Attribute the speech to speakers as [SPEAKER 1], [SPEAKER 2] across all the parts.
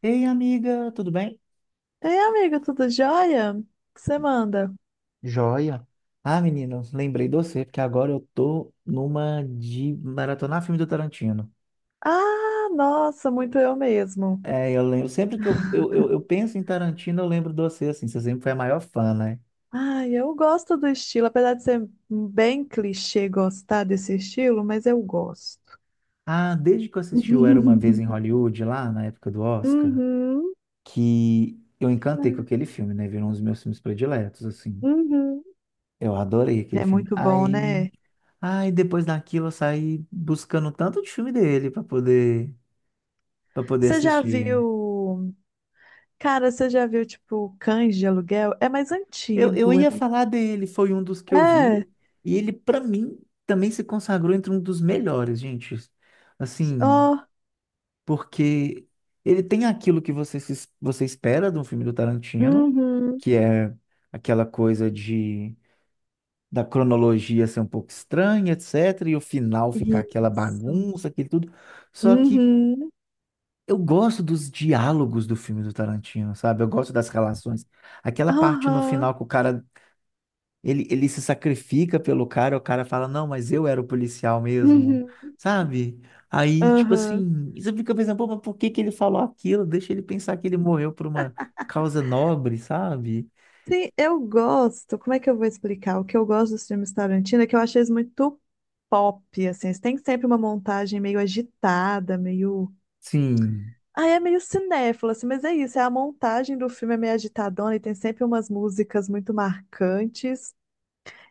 [SPEAKER 1] Ei, amiga, tudo bem?
[SPEAKER 2] Ei, amigo, tudo jóia? O que você manda?
[SPEAKER 1] Joia. Ah, menino, lembrei de você, porque agora eu tô numa de maratonar filme do Tarantino.
[SPEAKER 2] Ah, nossa, muito eu mesmo.
[SPEAKER 1] É, eu lembro, sempre que eu penso em Tarantino, eu lembro de você, assim, você sempre foi a maior fã, né?
[SPEAKER 2] Ai, eu gosto do estilo, apesar de ser bem clichê gostar desse estilo, mas eu gosto.
[SPEAKER 1] Ah, desde que eu assisti o Era Uma Vez em Hollywood, lá na época do Oscar,
[SPEAKER 2] Uhum,
[SPEAKER 1] que eu encantei com aquele filme, né? Virou um dos meus filmes prediletos, assim.
[SPEAKER 2] uhum.
[SPEAKER 1] Eu adorei aquele
[SPEAKER 2] É
[SPEAKER 1] filme.
[SPEAKER 2] muito bom,
[SPEAKER 1] Aí,
[SPEAKER 2] né?
[SPEAKER 1] aí depois daquilo eu saí buscando tanto de filme dele para poder
[SPEAKER 2] Você já
[SPEAKER 1] assistir.
[SPEAKER 2] viu. Cara, você já viu, tipo, Cães de Aluguel? É mais
[SPEAKER 1] Eu
[SPEAKER 2] antigo.
[SPEAKER 1] ia falar dele, foi um dos que eu vi,
[SPEAKER 2] É.
[SPEAKER 1] e ele, pra mim, também se consagrou entre um dos melhores, gente. Assim,
[SPEAKER 2] Ó.
[SPEAKER 1] porque ele tem aquilo que você, você espera de um filme do Tarantino,
[SPEAKER 2] Uhum.
[SPEAKER 1] que é aquela coisa de da cronologia ser um pouco estranha, etc., e o final ficar aquela
[SPEAKER 2] Isso.
[SPEAKER 1] bagunça, aquilo tudo. Só que
[SPEAKER 2] Uhum.
[SPEAKER 1] eu gosto dos diálogos do filme do Tarantino, sabe? Eu gosto das relações. Aquela parte no
[SPEAKER 2] Aham.
[SPEAKER 1] final que o cara ele se sacrifica pelo cara, o cara fala, não, mas eu era o policial mesmo,
[SPEAKER 2] Uhum.
[SPEAKER 1] sabe? Aí, tipo
[SPEAKER 2] Aham.
[SPEAKER 1] assim, você fica pensando, pô, mas por que que ele falou aquilo? Deixa ele pensar que ele morreu por uma causa nobre, sabe?
[SPEAKER 2] Sim, eu gosto. Como é que eu vou explicar? O que eu gosto dos filmes Tarantino é que eu acho eles muito pop, assim. Eles têm sempre uma montagem meio agitada, meio.
[SPEAKER 1] Sim,
[SPEAKER 2] Ah, é meio cinéfilo, assim, mas é isso. É a montagem do filme é meio agitadona e tem sempre umas músicas muito marcantes.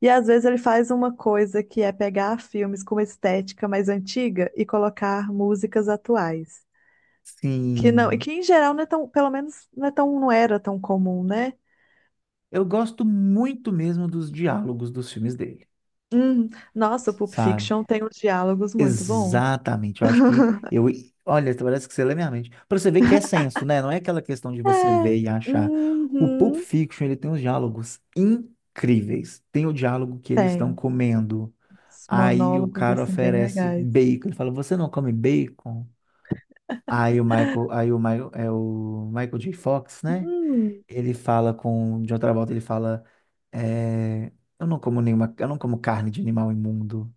[SPEAKER 2] E às vezes ele faz uma coisa que é pegar filmes com uma estética mais antiga e colocar músicas atuais. Que não, e
[SPEAKER 1] sim.
[SPEAKER 2] que em geral não é tão não era tão comum, né?
[SPEAKER 1] Eu gosto muito mesmo dos diálogos dos filmes dele,
[SPEAKER 2] Hum, nossa, o Pulp
[SPEAKER 1] sabe?
[SPEAKER 2] Fiction tem uns diálogos muito bons.
[SPEAKER 1] Exatamente, eu acho que eu. Olha, parece que você lê minha mente. Pra você ver que é senso, né? Não é aquela questão de você
[SPEAKER 2] É,
[SPEAKER 1] ver e achar. O Pulp
[SPEAKER 2] uhum,
[SPEAKER 1] Fiction, ele tem uns diálogos incríveis. Tem o diálogo que eles estão
[SPEAKER 2] tem.
[SPEAKER 1] comendo.
[SPEAKER 2] Os
[SPEAKER 1] Aí o
[SPEAKER 2] monólogos,
[SPEAKER 1] cara
[SPEAKER 2] assim, bem
[SPEAKER 1] oferece
[SPEAKER 2] legais.
[SPEAKER 1] bacon. Ele fala: Você não come bacon? Aí o Michael, é o Michael J. Fox, né?
[SPEAKER 2] Hum,
[SPEAKER 1] Ele fala com. De outra volta, ele fala: é, Eu não como nenhuma. Eu não como carne de animal imundo.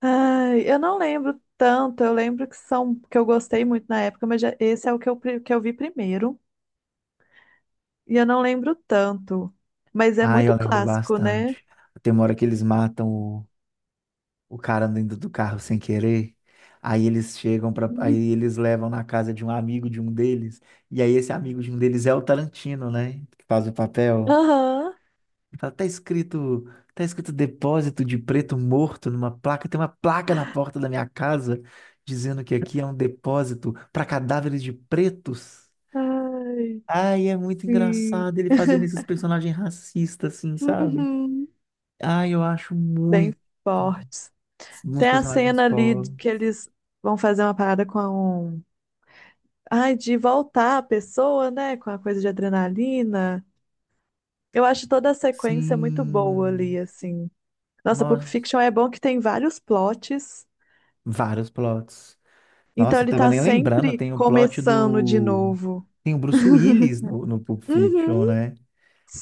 [SPEAKER 2] ai, eu não lembro tanto, eu lembro que são, que eu gostei muito na época, mas esse é o que que eu vi primeiro, e eu não lembro tanto. Mas é
[SPEAKER 1] Ah, eu
[SPEAKER 2] muito
[SPEAKER 1] lembro
[SPEAKER 2] clássico, né?
[SPEAKER 1] bastante. Tem uma hora que eles matam o cara dentro do carro sem querer. Aí eles chegam para, aí
[SPEAKER 2] Uhum.
[SPEAKER 1] eles levam na casa de um amigo de um deles. E aí esse amigo de um deles é o Tarantino, né? Que faz o papel.
[SPEAKER 2] Aham.
[SPEAKER 1] Fala, tá escrito depósito de preto morto numa placa. Tem uma placa na porta da minha casa dizendo que aqui é um depósito para cadáveres de pretos.
[SPEAKER 2] Ai,
[SPEAKER 1] Ai, é muito
[SPEAKER 2] sim.
[SPEAKER 1] engraçado ele fazendo esses personagens racistas, assim, sabe?
[SPEAKER 2] Uhum.
[SPEAKER 1] Ai, eu acho
[SPEAKER 2] Bem
[SPEAKER 1] muito.
[SPEAKER 2] forte.
[SPEAKER 1] Uns
[SPEAKER 2] Tem a
[SPEAKER 1] personagens
[SPEAKER 2] cena ali
[SPEAKER 1] fora.
[SPEAKER 2] de que eles vão fazer uma parada com a um... Ai, de voltar a pessoa, né? Com a coisa de adrenalina. Eu acho toda a sequência muito boa
[SPEAKER 1] Sim.
[SPEAKER 2] ali, assim. Nossa, Pulp
[SPEAKER 1] Nossa,
[SPEAKER 2] Fiction é bom que tem vários plots,
[SPEAKER 1] vários plots.
[SPEAKER 2] então
[SPEAKER 1] Nossa, eu
[SPEAKER 2] ele
[SPEAKER 1] tava
[SPEAKER 2] tá
[SPEAKER 1] nem lembrando,
[SPEAKER 2] sempre
[SPEAKER 1] tem o plot
[SPEAKER 2] começando de
[SPEAKER 1] do.
[SPEAKER 2] novo.
[SPEAKER 1] Tem o Bruce Willis no Pulp
[SPEAKER 2] Uhum,
[SPEAKER 1] Fiction, né?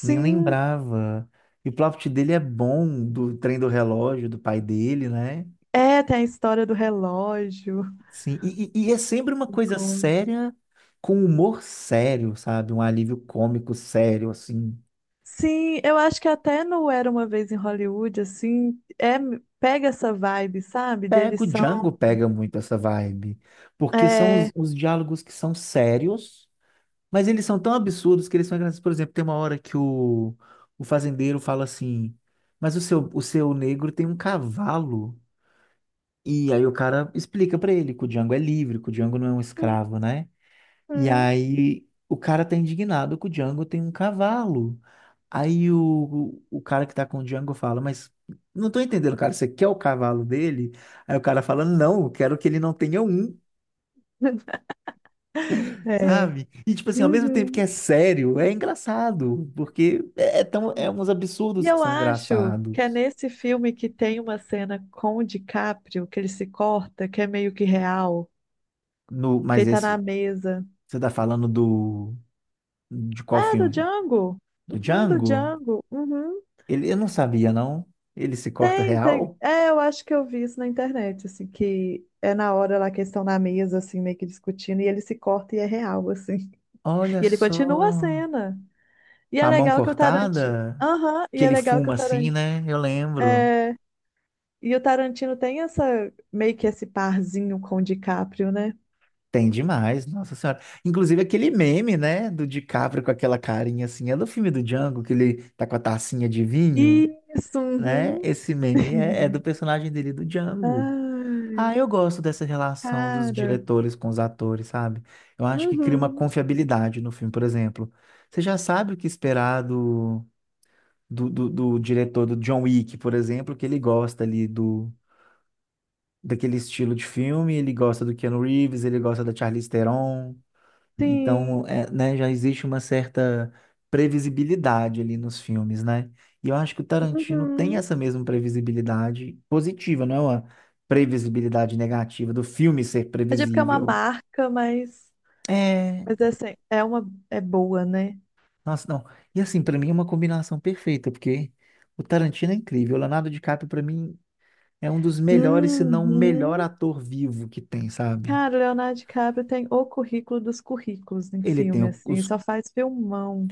[SPEAKER 1] Nem lembrava. E o plot dele é bom, do trem do relógio, do pai dele, né?
[SPEAKER 2] É, tem a história do relógio.
[SPEAKER 1] Sim. E é sempre uma
[SPEAKER 2] Me
[SPEAKER 1] coisa
[SPEAKER 2] conta.
[SPEAKER 1] séria, com humor sério, sabe? Um alívio cômico sério, assim.
[SPEAKER 2] Sim, eu acho que até no Era Uma Vez em Hollywood, assim, é, pega essa vibe, sabe?
[SPEAKER 1] Pega,
[SPEAKER 2] Deles
[SPEAKER 1] o
[SPEAKER 2] são.
[SPEAKER 1] Django pega muito essa vibe, porque são os,
[SPEAKER 2] É.
[SPEAKER 1] os diálogos que são sérios, mas eles são tão absurdos que eles são engraçados. Por exemplo, tem uma hora que o fazendeiro fala assim, mas o seu negro tem um cavalo. E aí o cara explica pra ele que o Django é livre, que o Django não é um escravo, né? E
[SPEAKER 2] Hum.
[SPEAKER 1] aí o cara tá indignado que o Django tem um cavalo. Aí o cara que tá com o Django fala, mas não tô entendendo, cara, você quer o cavalo dele? Aí o cara fala, não, eu quero que ele não tenha um,
[SPEAKER 2] É.
[SPEAKER 1] sabe? E tipo assim, ao mesmo tempo que
[SPEAKER 2] Uhum.
[SPEAKER 1] é sério, é engraçado, porque é uns
[SPEAKER 2] E
[SPEAKER 1] absurdos que
[SPEAKER 2] eu
[SPEAKER 1] são
[SPEAKER 2] acho que é
[SPEAKER 1] engraçados.
[SPEAKER 2] nesse filme que tem uma cena com o DiCaprio, que ele se corta, que é meio que real,
[SPEAKER 1] No,
[SPEAKER 2] que ele
[SPEAKER 1] mas
[SPEAKER 2] tá na
[SPEAKER 1] esse,
[SPEAKER 2] mesa.
[SPEAKER 1] você tá falando de qual
[SPEAKER 2] Ah, do
[SPEAKER 1] filme?
[SPEAKER 2] Django!
[SPEAKER 1] Do
[SPEAKER 2] Uhum, do
[SPEAKER 1] Django?
[SPEAKER 2] Django. Uhum.
[SPEAKER 1] Eu não sabia, não. Ele se corta
[SPEAKER 2] Tem, tem.
[SPEAKER 1] real?
[SPEAKER 2] É, eu acho que eu vi isso na internet, assim, que é na hora lá que eles estão na mesa, assim, meio que discutindo, e ele se corta e é real, assim.
[SPEAKER 1] Olha
[SPEAKER 2] E ele continua a
[SPEAKER 1] só,
[SPEAKER 2] cena. E
[SPEAKER 1] com
[SPEAKER 2] é
[SPEAKER 1] a mão
[SPEAKER 2] legal que o Tarantino.
[SPEAKER 1] cortada,
[SPEAKER 2] Aham,
[SPEAKER 1] que
[SPEAKER 2] e é
[SPEAKER 1] ele
[SPEAKER 2] legal que o
[SPEAKER 1] fuma assim,
[SPEAKER 2] Tarantino.
[SPEAKER 1] né? Eu lembro.
[SPEAKER 2] É, e o Tarantino tem essa meio que esse parzinho com o DiCaprio, né?
[SPEAKER 1] Tem demais, nossa senhora. Inclusive aquele meme, né, do DiCaprio com aquela carinha assim, é do filme do Django, que ele tá com a tacinha de vinho,
[SPEAKER 2] Isso,
[SPEAKER 1] né?
[SPEAKER 2] uhum.
[SPEAKER 1] Esse meme é do personagem dele, do Django.
[SPEAKER 2] Ah,
[SPEAKER 1] Ah, eu gosto dessa relação dos
[SPEAKER 2] cara.
[SPEAKER 1] diretores com os atores, sabe? Eu acho que cria uma
[SPEAKER 2] Uhum.
[SPEAKER 1] confiabilidade no filme, por exemplo. Você já sabe o que esperar do diretor do John Wick, por exemplo, que ele gosta ali daquele estilo de filme, ele gosta do Keanu Reeves, ele gosta da Charlize Theron.
[SPEAKER 2] Sim.
[SPEAKER 1] Então, é, né, já existe uma certa previsibilidade ali nos filmes, né? E eu acho que o Tarantino tem
[SPEAKER 2] Uhum.
[SPEAKER 1] essa mesma previsibilidade positiva, não é uma previsibilidade negativa do filme ser
[SPEAKER 2] É tipo que é uma
[SPEAKER 1] previsível.
[SPEAKER 2] marca, mas
[SPEAKER 1] É,
[SPEAKER 2] mas é assim, é uma é boa, né?
[SPEAKER 1] nossa, não. E assim, pra mim é uma combinação perfeita, porque o Tarantino é incrível. O Leonardo DiCaprio, pra mim, é um dos melhores, se não o melhor
[SPEAKER 2] Uhum.
[SPEAKER 1] ator vivo que tem, sabe?
[SPEAKER 2] Cara, o Leonardo DiCaprio tem o currículo dos currículos em
[SPEAKER 1] Ele tem
[SPEAKER 2] filme,
[SPEAKER 1] o-
[SPEAKER 2] assim, e
[SPEAKER 1] os
[SPEAKER 2] só faz filmão.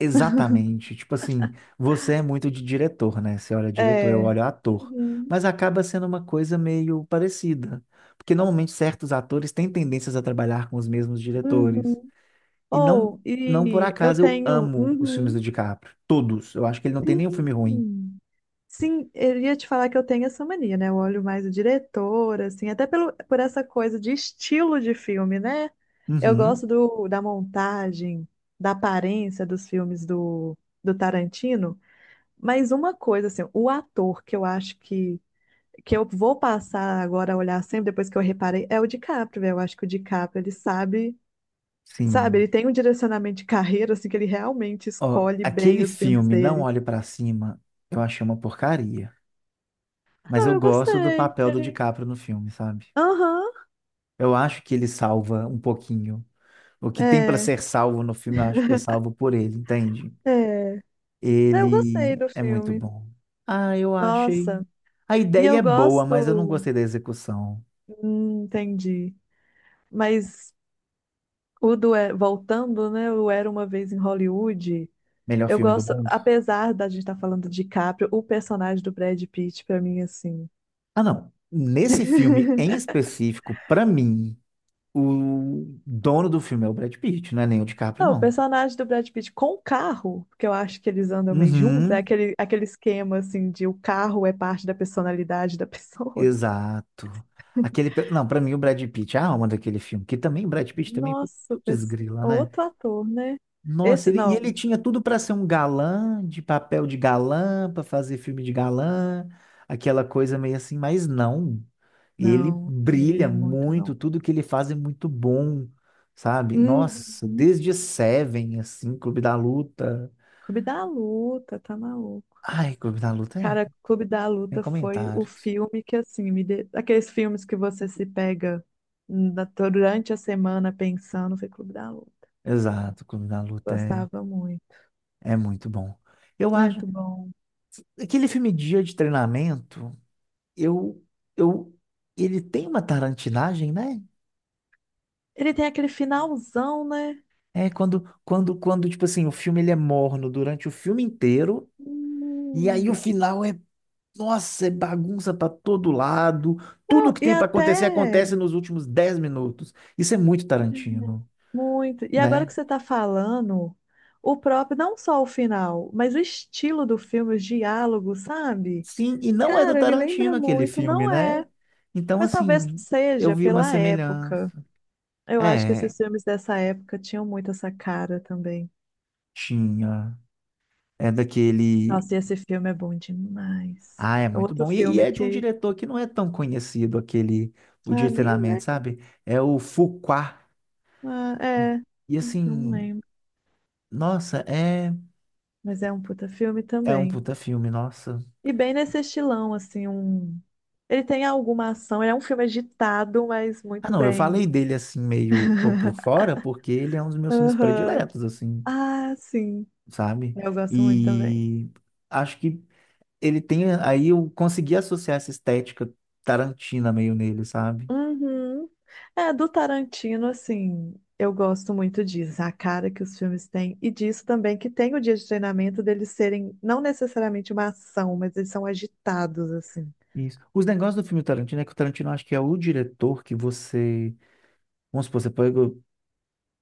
[SPEAKER 1] Exatamente. Tipo assim, você é muito de diretor, né? Você olha diretor, eu
[SPEAKER 2] É.
[SPEAKER 1] olho ator.
[SPEAKER 2] Uhum.
[SPEAKER 1] Mas acaba sendo uma coisa meio parecida. Porque normalmente certos atores têm tendências a trabalhar com os mesmos diretores.
[SPEAKER 2] Uhum.
[SPEAKER 1] E não,
[SPEAKER 2] Ou,
[SPEAKER 1] não por
[SPEAKER 2] e eu
[SPEAKER 1] acaso eu
[SPEAKER 2] tenho.
[SPEAKER 1] amo os filmes do
[SPEAKER 2] Uhum.
[SPEAKER 1] DiCaprio. Todos. Eu acho que ele não tem nenhum filme ruim.
[SPEAKER 2] Sim, sim, eu ia te falar que eu tenho essa mania, né? Eu olho mais o diretor, assim, até pelo, por essa coisa de estilo de filme, né? Eu
[SPEAKER 1] Uhum,
[SPEAKER 2] gosto do, da montagem, da aparência dos filmes do, do Tarantino, mas uma coisa, assim, o ator que eu acho que eu vou passar agora a olhar sempre, depois que eu reparei, é o DiCaprio, velho. Eu acho que o DiCaprio, ele sabe, sabe,
[SPEAKER 1] sim.
[SPEAKER 2] ele tem um direcionamento de carreira, assim, que ele realmente
[SPEAKER 1] Ó,
[SPEAKER 2] escolhe bem
[SPEAKER 1] aquele
[SPEAKER 2] os filmes
[SPEAKER 1] filme, Não
[SPEAKER 2] dele.
[SPEAKER 1] Olhe Pra Cima, eu achei uma porcaria. Mas
[SPEAKER 2] Não,
[SPEAKER 1] eu
[SPEAKER 2] eu
[SPEAKER 1] gosto do
[SPEAKER 2] gostei.
[SPEAKER 1] papel do
[SPEAKER 2] Ele-
[SPEAKER 1] DiCaprio no filme, sabe?
[SPEAKER 2] aham,
[SPEAKER 1] Eu acho que ele salva um pouquinho. O que tem para
[SPEAKER 2] é,
[SPEAKER 1] ser salvo no filme, eu acho que é salvo por ele, entende?
[SPEAKER 2] é. É, eu gostei
[SPEAKER 1] Ele
[SPEAKER 2] do
[SPEAKER 1] é muito
[SPEAKER 2] filme.
[SPEAKER 1] bom. Ah, eu achei.
[SPEAKER 2] Nossa,
[SPEAKER 1] A
[SPEAKER 2] e
[SPEAKER 1] ideia
[SPEAKER 2] eu
[SPEAKER 1] é boa, mas eu não
[SPEAKER 2] gosto.
[SPEAKER 1] gostei da execução.
[SPEAKER 2] Hum, entendi. Mas voltando, né? O Era Uma Vez em Hollywood.
[SPEAKER 1] Melhor
[SPEAKER 2] Eu
[SPEAKER 1] filme do
[SPEAKER 2] gosto,
[SPEAKER 1] mundo?
[SPEAKER 2] apesar da gente estar falando de Caprio, o personagem do Brad Pitt, pra mim, assim.
[SPEAKER 1] Ah, não. Nesse filme em específico, para mim, o dono do filme é o Brad Pitt, não é nem o DiCaprio,
[SPEAKER 2] Não, o
[SPEAKER 1] não.
[SPEAKER 2] personagem do Brad Pitt com o carro, porque eu acho que eles andam meio juntos, é
[SPEAKER 1] Uhum,
[SPEAKER 2] aquele, aquele esquema, assim, de o carro é parte da personalidade da pessoa.
[SPEAKER 1] exato. Não, para mim o Brad Pitt é a alma daquele filme, que também o Brad Pitt também,
[SPEAKER 2] Nossa,
[SPEAKER 1] putz,
[SPEAKER 2] pers-
[SPEAKER 1] grila, né?
[SPEAKER 2] outro ator, né?
[SPEAKER 1] Nossa,
[SPEAKER 2] Esse,
[SPEAKER 1] ele, e
[SPEAKER 2] não,
[SPEAKER 1] ele tinha tudo para ser um galã, de papel de galã, para fazer filme de galã, aquela coisa meio assim, mas não. Ele
[SPEAKER 2] não, ele
[SPEAKER 1] brilha
[SPEAKER 2] é muito bom.
[SPEAKER 1] muito, tudo que ele faz é muito bom, sabe? Nossa,
[SPEAKER 2] Uhum.
[SPEAKER 1] desde Seven, assim, Clube da Luta.
[SPEAKER 2] Clube da Luta, tá maluco.
[SPEAKER 1] Ai, Clube da Luta
[SPEAKER 2] Cara, Clube da
[SPEAKER 1] tem
[SPEAKER 2] Luta foi o
[SPEAKER 1] comentários.
[SPEAKER 2] filme que, assim, me de... aqueles filmes que você se pega na- durante a semana pensando, foi Clube da Luta.
[SPEAKER 1] Exato, Clube da Luta é,
[SPEAKER 2] Gostava muito.
[SPEAKER 1] é muito bom. Eu acho,
[SPEAKER 2] Muito bom.
[SPEAKER 1] aquele filme Dia de Treinamento, eu, eu, ele tem uma tarantinagem, né?
[SPEAKER 2] Ele tem aquele finalzão, né?
[SPEAKER 1] É quando, tipo assim, o filme ele é morno durante o filme inteiro, e aí o
[SPEAKER 2] Hum.
[SPEAKER 1] final é, nossa, é bagunça pra todo lado. Tudo que
[SPEAKER 2] E
[SPEAKER 1] tem pra acontecer
[SPEAKER 2] até
[SPEAKER 1] acontece nos últimos 10 minutos. Isso é muito Tarantino,
[SPEAKER 2] muito. E agora
[SPEAKER 1] né?
[SPEAKER 2] que você está falando, o próprio, não só o final, mas o estilo do filme, os diálogos, sabe?
[SPEAKER 1] Sim, e não é do
[SPEAKER 2] Cara, me lembra
[SPEAKER 1] Tarantino aquele
[SPEAKER 2] muito,
[SPEAKER 1] filme,
[SPEAKER 2] não
[SPEAKER 1] né?
[SPEAKER 2] é?
[SPEAKER 1] Então,
[SPEAKER 2] Mas talvez
[SPEAKER 1] assim, eu
[SPEAKER 2] seja
[SPEAKER 1] vi uma
[SPEAKER 2] pela época.
[SPEAKER 1] semelhança.
[SPEAKER 2] Eu acho que
[SPEAKER 1] É,
[SPEAKER 2] esses filmes dessa época tinham muito essa cara também.
[SPEAKER 1] tinha. É daquele.
[SPEAKER 2] Nossa, e esse filme é bom demais.
[SPEAKER 1] Ah, é
[SPEAKER 2] É
[SPEAKER 1] muito
[SPEAKER 2] outro
[SPEAKER 1] bom. E
[SPEAKER 2] filme
[SPEAKER 1] é de um
[SPEAKER 2] que.
[SPEAKER 1] diretor que não é tão conhecido, aquele. O
[SPEAKER 2] Ah,
[SPEAKER 1] de
[SPEAKER 2] nem,
[SPEAKER 1] treinamento,
[SPEAKER 2] né?
[SPEAKER 1] sabe? É o Fuqua.
[SPEAKER 2] Ah, é.
[SPEAKER 1] E
[SPEAKER 2] Não
[SPEAKER 1] assim,
[SPEAKER 2] lembro.
[SPEAKER 1] nossa, é,
[SPEAKER 2] Mas é um puta filme
[SPEAKER 1] é um
[SPEAKER 2] também.
[SPEAKER 1] puta filme, nossa.
[SPEAKER 2] E bem nesse estilão, assim, um. Ele tem alguma ação, ele é um filme agitado, mas
[SPEAKER 1] Ah,
[SPEAKER 2] muito
[SPEAKER 1] não, eu falei
[SPEAKER 2] bem.
[SPEAKER 1] dele assim meio por fora, porque ele é um dos meus filmes
[SPEAKER 2] Aham.
[SPEAKER 1] prediletos, assim,
[SPEAKER 2] Ah, sim.
[SPEAKER 1] sabe?
[SPEAKER 2] Eu gosto muito também.
[SPEAKER 1] E acho que ele tem, aí eu consegui associar essa estética tarantina meio nele, sabe?
[SPEAKER 2] Uhum. É, do Tarantino, assim, eu gosto muito disso, a cara que os filmes têm, e disso também que tem o dia de treinamento deles serem não necessariamente uma ação, mas eles são agitados, assim.
[SPEAKER 1] Isso. Os negócios do filme Tarantino é que o Tarantino acho que é o diretor que você, vamos supor, você pega,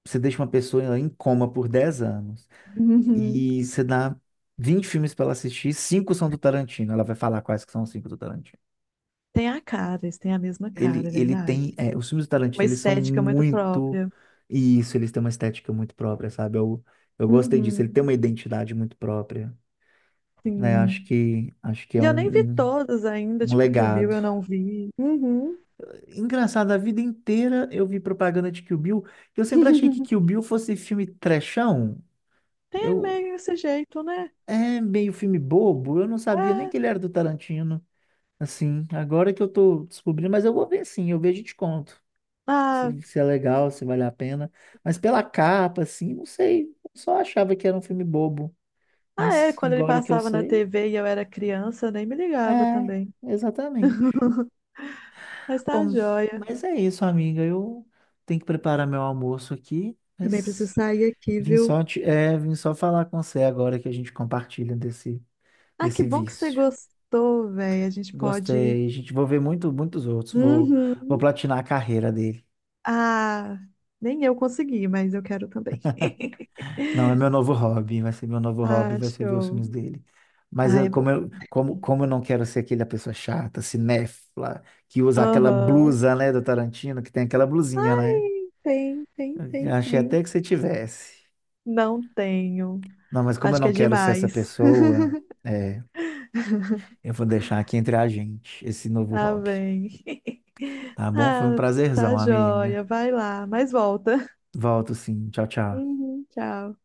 [SPEAKER 1] você deixa uma pessoa em coma por 10 anos.
[SPEAKER 2] Uhum.
[SPEAKER 1] E você dá 20 filmes para ela assistir, cinco são do Tarantino. Ela vai falar quais que são os cinco do Tarantino.
[SPEAKER 2] Tem a cara, eles têm a mesma cara,
[SPEAKER 1] Ele,
[SPEAKER 2] é
[SPEAKER 1] ele
[SPEAKER 2] verdade.
[SPEAKER 1] tem. Os filmes do
[SPEAKER 2] Uma
[SPEAKER 1] Tarantino, eles são
[SPEAKER 2] estética muito
[SPEAKER 1] muito.
[SPEAKER 2] própria.
[SPEAKER 1] E isso, eles têm uma estética muito própria, sabe? Eu gostei disso. Ele tem
[SPEAKER 2] Uhum.
[SPEAKER 1] uma identidade muito própria. Né? Acho
[SPEAKER 2] Sim.
[SPEAKER 1] que, acho que é
[SPEAKER 2] E eu nem vi
[SPEAKER 1] um, um,
[SPEAKER 2] todas ainda,
[SPEAKER 1] um
[SPEAKER 2] tipo, que o Bill
[SPEAKER 1] legado.
[SPEAKER 2] eu não vi. Uhum.
[SPEAKER 1] Engraçado, a vida inteira eu vi propaganda de Kill Bill. E eu sempre achei que Kill Bill fosse filme trechão.
[SPEAKER 2] Tem
[SPEAKER 1] Eu.
[SPEAKER 2] meio esse jeito, né?
[SPEAKER 1] É meio filme bobo, eu não sabia nem
[SPEAKER 2] É.
[SPEAKER 1] que ele era do Tarantino. Assim, agora que eu tô descobrindo, mas eu vou ver sim, eu vejo e te conto.
[SPEAKER 2] Ah,
[SPEAKER 1] Se é legal, se vale a pena. Mas pela capa, assim, não sei. Eu só achava que era um filme bobo.
[SPEAKER 2] ah, é,
[SPEAKER 1] Mas
[SPEAKER 2] quando ele
[SPEAKER 1] agora que eu
[SPEAKER 2] passava na
[SPEAKER 1] sei,
[SPEAKER 2] TV e eu era criança, eu nem me ligava
[SPEAKER 1] é,
[SPEAKER 2] também.
[SPEAKER 1] exatamente.
[SPEAKER 2] Mas tá
[SPEAKER 1] Bom,
[SPEAKER 2] joia.
[SPEAKER 1] mas é isso, amiga. Eu tenho que preparar meu almoço aqui,
[SPEAKER 2] Também preciso
[SPEAKER 1] mas
[SPEAKER 2] sair aqui,
[SPEAKER 1] vim
[SPEAKER 2] viu?
[SPEAKER 1] só, te, é, vim só falar com você agora que a gente compartilha desse,
[SPEAKER 2] Ah, que
[SPEAKER 1] desse
[SPEAKER 2] bom que você
[SPEAKER 1] vício.
[SPEAKER 2] gostou, velho. A gente pode.
[SPEAKER 1] Gostei. A gente vou ver muitos outros. Vou
[SPEAKER 2] Uhum.
[SPEAKER 1] platinar a carreira dele.
[SPEAKER 2] Ah, nem eu consegui, mas eu quero também.
[SPEAKER 1] Não, é meu novo hobby, vai ser meu novo hobby,
[SPEAKER 2] Ah,
[SPEAKER 1] vai ser ver os
[SPEAKER 2] show.
[SPEAKER 1] filmes dele. Mas
[SPEAKER 2] Ah,
[SPEAKER 1] eu-
[SPEAKER 2] é
[SPEAKER 1] como
[SPEAKER 2] bom.
[SPEAKER 1] eu, como, como eu não quero ser aquela pessoa chata, cinéfila, que usa aquela
[SPEAKER 2] Aham.
[SPEAKER 1] blusa, né, do Tarantino, que tem aquela blusinha, né?
[SPEAKER 2] Tem, tem,
[SPEAKER 1] Eu
[SPEAKER 2] tem,
[SPEAKER 1] achei
[SPEAKER 2] tem.
[SPEAKER 1] até que você tivesse.
[SPEAKER 2] Não tenho.
[SPEAKER 1] Não, mas como eu
[SPEAKER 2] Acho que
[SPEAKER 1] não
[SPEAKER 2] é
[SPEAKER 1] quero ser essa
[SPEAKER 2] demais.
[SPEAKER 1] pessoa, é, eu vou deixar aqui entre a gente esse novo
[SPEAKER 2] Tá
[SPEAKER 1] hobby.
[SPEAKER 2] bem.
[SPEAKER 1] Tá bom? Foi um
[SPEAKER 2] Ah,
[SPEAKER 1] prazerzão,
[SPEAKER 2] tá joia.
[SPEAKER 1] amiga.
[SPEAKER 2] Vai lá, mas volta.
[SPEAKER 1] Volto sim. Tchau, tchau.
[SPEAKER 2] Uhum, tchau.